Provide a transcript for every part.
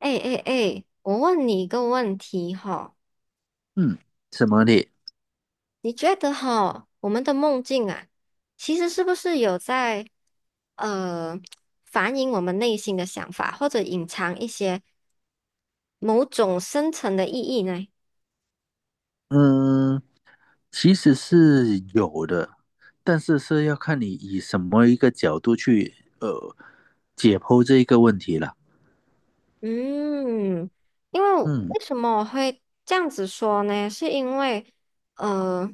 哎哎哎，我问你一个问题哈，嗯，什么的？你觉得哈，我们的梦境啊，其实是不是有在呃反映我们内心的想法，或者隐藏一些某种深层的意义呢？嗯，其实是有的，但是是要看你以什么一个角度去呃解剖这一个问题了。嗯，因为嗯，为什么我会这样子说呢？是因为，呃，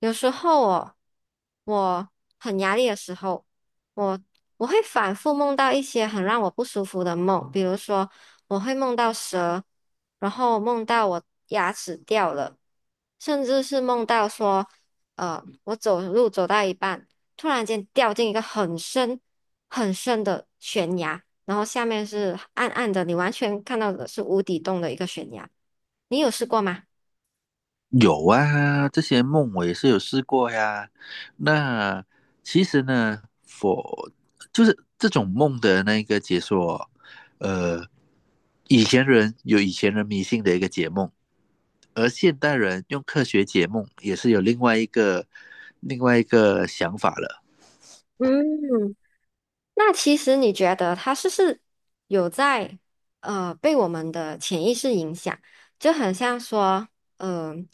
有时候我很压力的时候，我我会反复梦到一些很让我不舒服的梦，比如说我会梦到蛇，然后梦到我牙齿掉了，甚至是梦到说，我走路走到一半，突然间掉进一个很深很深的悬崖。然后下面是暗暗的，你完全看到的是无底洞的一个悬崖。你有试过吗？有啊，这些梦我也是有试过呀。那其实呢，我就是这种梦的那个解说，呃，以前人有以前人迷信的一个解梦，而现代人用科学解梦也是有另外一个想法了。嗯，那其实你觉得它是不是有在被我们的潜意识影响？就很像说，嗯。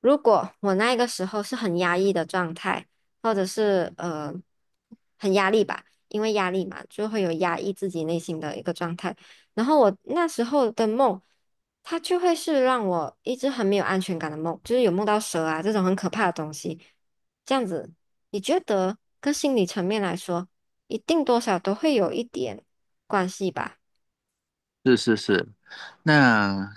如果我那个时候是很压抑的状态，或者是很压力吧，因为压力嘛，就会有压抑自己内心的一个状态。然后我那时候的梦，它就会是让我一直很没有安全感的梦，就是有梦到蛇啊这种很可怕的东西。这样子，你觉得跟心理层面来说，一定多少都会有一点关系吧？是是是，那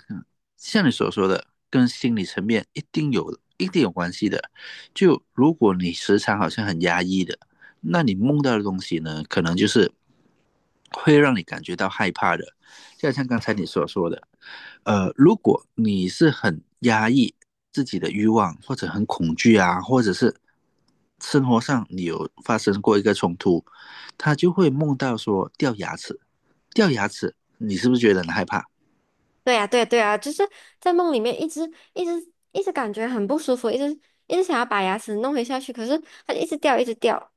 像你所说的，跟心理层面一定有有关系的。就如果你时常好像很压抑的，那你梦到的东西呢，可能就是会让你感觉到害怕的。就像刚才你所说的，如果你是很压抑自己的欲望，或者很恐惧啊，或者是生活上你有发生过一个冲突，他就会梦到说掉牙齿，掉牙齿，你是不是觉得很害怕？对呀，对呀对呀，就是在梦里面一直一直一直感觉很不舒服，一直一直想要把牙齿弄回下去，可是它就一直掉，一直掉。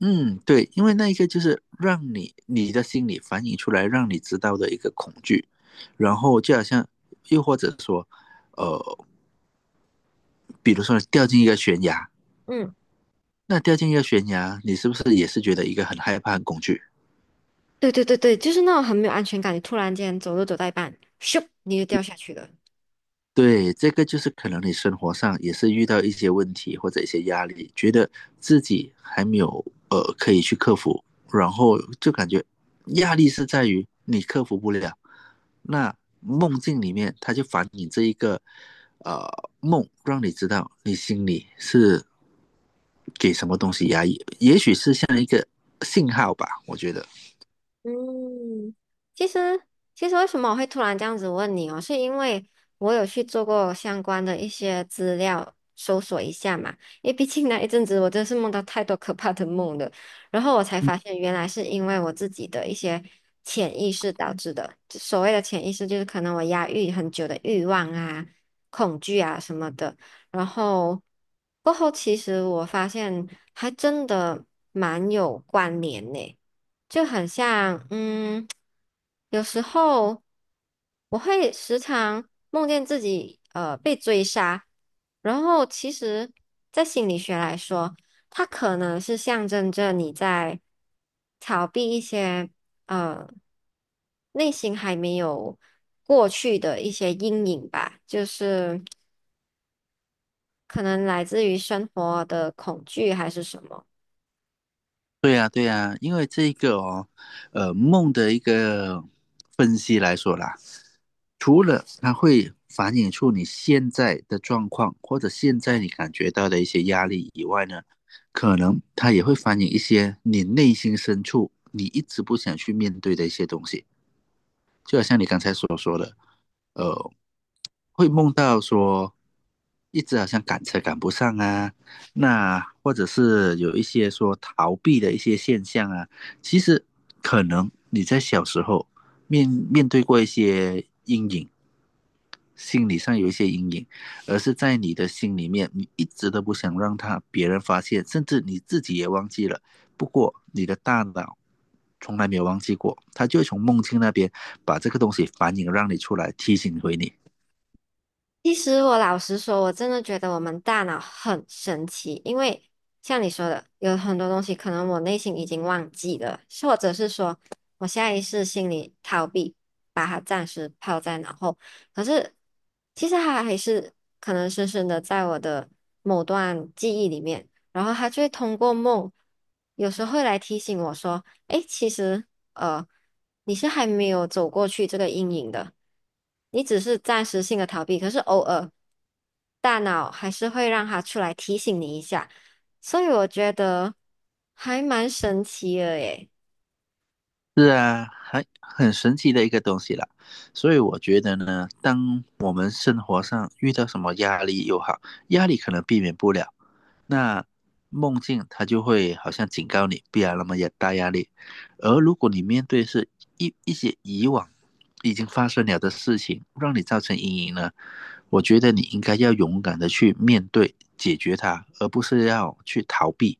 嗯，对，因为那一个就是让你的心理反映出来，让你知道的一个恐惧，然后就好像，又或者说，比如说你掉进一个悬崖，嗯，那掉进一个悬崖，你是不是也是觉得一个很害怕、很恐惧？对对对对，就是那种很没有安全感，你突然间走路走到一半，咻，你就掉下去了。对，这个就是可能你生活上也是遇到一些问题或者一些压力，觉得自己还没有可以去克服，然后就感觉压力是在于你克服不了，那梦境里面，它就反映这一个呃梦，让你知道你心里是给什么东西压抑，也许是像一个信号吧，我觉得。嗯，其实为什么我会突然这样子问你哦，是因为我有去做过相关的一些资料搜索一下嘛，因为毕竟那一阵子我真是梦到太多可怕的梦了，然后我才发现原来是因为我自己的一些潜意识导致的，就所谓的潜意识就是可能我压抑很久的欲望啊、恐惧啊什么的，然后过后其实我发现还真的蛮有关联呢。就很像，有时候我会时常梦见自己被追杀，然后其实，在心理学来说，它可能是象征着你在逃避一些呃内心还没有过去的一些阴影吧，就是可能来自于生活的恐惧还是什么。对呀，对呀，因为这一个哦，梦的一个分析来说啦，除了它会反映出你现在的状况，或者现在你感觉到的一些压力以外呢，可能它也会反映一些你内心深处你一直不想去面对的一些东西。就好像你刚才所说的，呃，会梦到说一直好像赶车赶不上啊，那或者是有一些说逃避的一些现象啊，其实可能你在小时候面对过一些阴影，心理上有一些阴影，而是在你的心里面，你一直都不想让他别人发现，甚至你自己也忘记了。不过你的大脑从来没有忘记过，它就会从梦境那边把这个东西反映让你出来，提醒回你。其实我老实说，我真的觉得我们大脑很神奇，因为像你说的，有很多东西可能我内心已经忘记了，或者是说我下意识心里逃避，把它暂时抛在脑后。可是其实它还是可能深深的在我的某段记忆里面，然后它就会通过梦，有时候会来提醒我说。诶，其实呃，你是还没有走过去这个阴影的，你只是暂时性的逃避，可是偶尔大脑还是会让它出来提醒你一下，所以我觉得还蛮神奇的耶。是啊，很神奇的一个东西啦。所以我觉得呢，当我们生活上遇到什么压力又好，压力可能避免不了。那梦境它就会好像警告你，不要那么有大压力。而如果你面对是一些以往已经发生了的事情，让你造成阴影呢，我觉得你应该要勇敢的去面对、解决它，而不是要去逃避，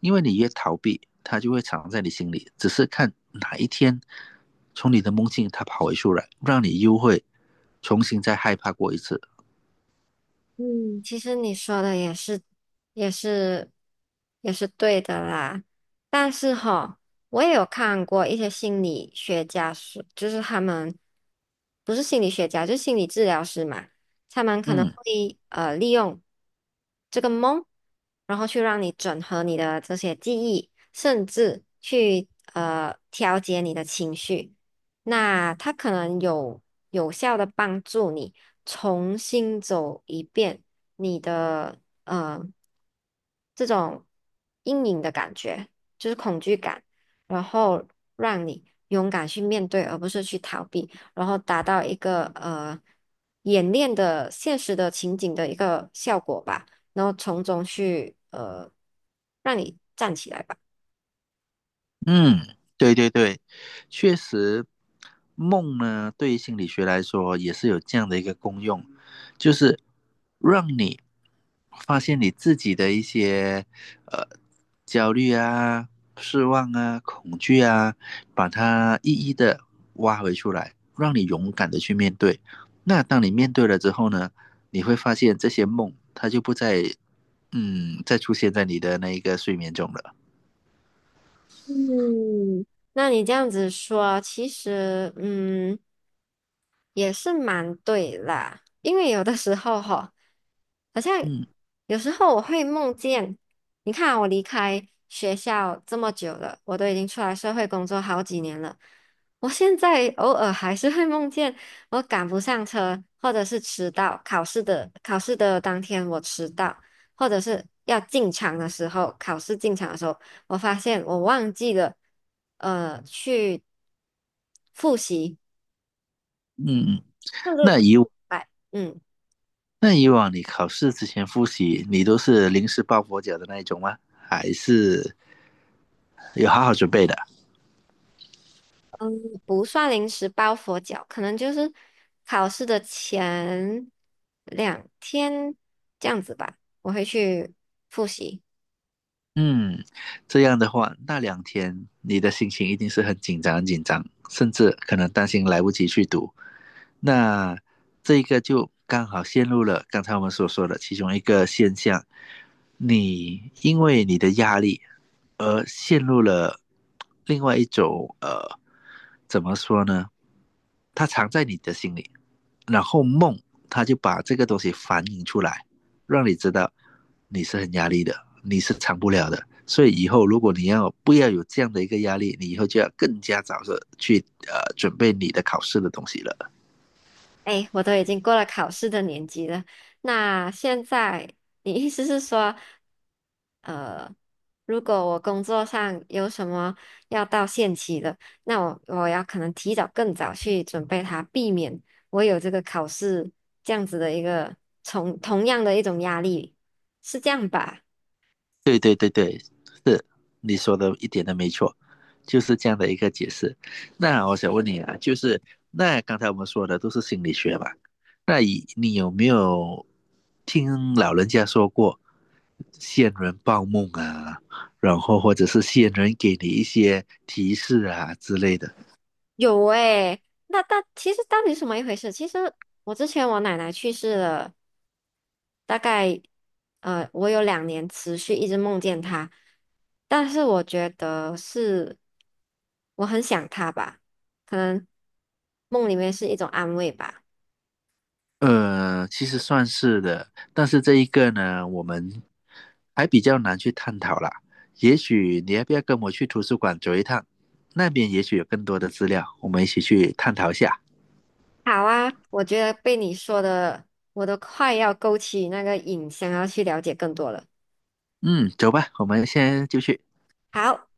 因为你越逃避，它就会藏在你心里，只是看哪一天从你的梦境它跑回出来，让你又会重新再害怕过一次。嗯，其实你说的也是，也是，也是对的啦。但是哈，我也有看过一些心理学家说，就是他们不是心理学家，就是心理治疗师嘛，他们可能嗯，会利用这个梦，然后去让你整合你的这些记忆，甚至去调节你的情绪。那它可能有效的帮助你重新走一遍你的呃这种阴影的感觉，就是恐惧感，然后让你勇敢去面对，而不是去逃避，然后达到一个演练的现实的情景的一个效果吧，然后从中去让你站起来吧。嗯，对对对，确实，梦呢，对于心理学来说也是有这样的一个功用，就是让你发现你自己的一些呃焦虑啊、失望啊、恐惧啊，把它一一的挖回出来，让你勇敢的去面对。那当你面对了之后呢，你会发现这些梦它就不再再出现在你的那一个睡眠中了。嗯，那你这样子说，其实也是蛮对啦，因为有的时候哈，好像嗯有时候我会梦见，你看啊我离开学校这么久了，我都已经出来社会工作好几年了，我现在偶尔还是会梦见我赶不上车，或者是迟到，考试的当天我迟到。或者是要进场的时候，考试进场的时候，我发现我忘记了，去复习，嗯。嗯，就是哎，那以往你考试之前复习，你都是临时抱佛脚的那一种吗？还是有好好准备的？不算临时抱佛脚，可能就是考试的前2天这样子吧，我会去复习。嗯，这样的话，那两天你的心情一定是很紧张、很紧张，甚至可能担心来不及去读。那这个就刚好陷入了刚才我们所说的其中一个现象，你因为你的压力而陷入了另外一种怎么说呢？它藏在你的心里，然后梦他就把这个东西反映出来，让你知道你是很压力的，你是藏不了的。所以以后如果你要不要有这样的一个压力，你以后就要更加早的去准备你的考试的东西了。哎，我都已经过了考试的年纪了。那现在，你意思是说，呃，如果我工作上有什么要到限期的，那我要可能提早更早去准备它，避免我有这个考试这样子的一个同样的一种压力，是这样吧？对对对对，是你说的一点都没错，就是这样的一个解释。那我想问你啊，就是那刚才我们说的都是心理学嘛，那你有没有听老人家说过仙人报梦啊，然后或者是仙人给你一些提示啊之类的？有诶，那但其实到底是什么一回事？其实我之前我奶奶去世了，大概我有2年持续一直梦见他，但是我觉得是我很想他吧，可能梦里面是一种安慰吧。呃，其实算是的，但是这一个呢，我们还比较难去探讨啦。也许你要不要跟我去图书馆走一趟？那边也许有更多的资料，我们一起去探讨一下。好啊，我觉得被你说的，我都快要勾起那个瘾，想要去了解更多了。嗯，走吧，我们先就去。好。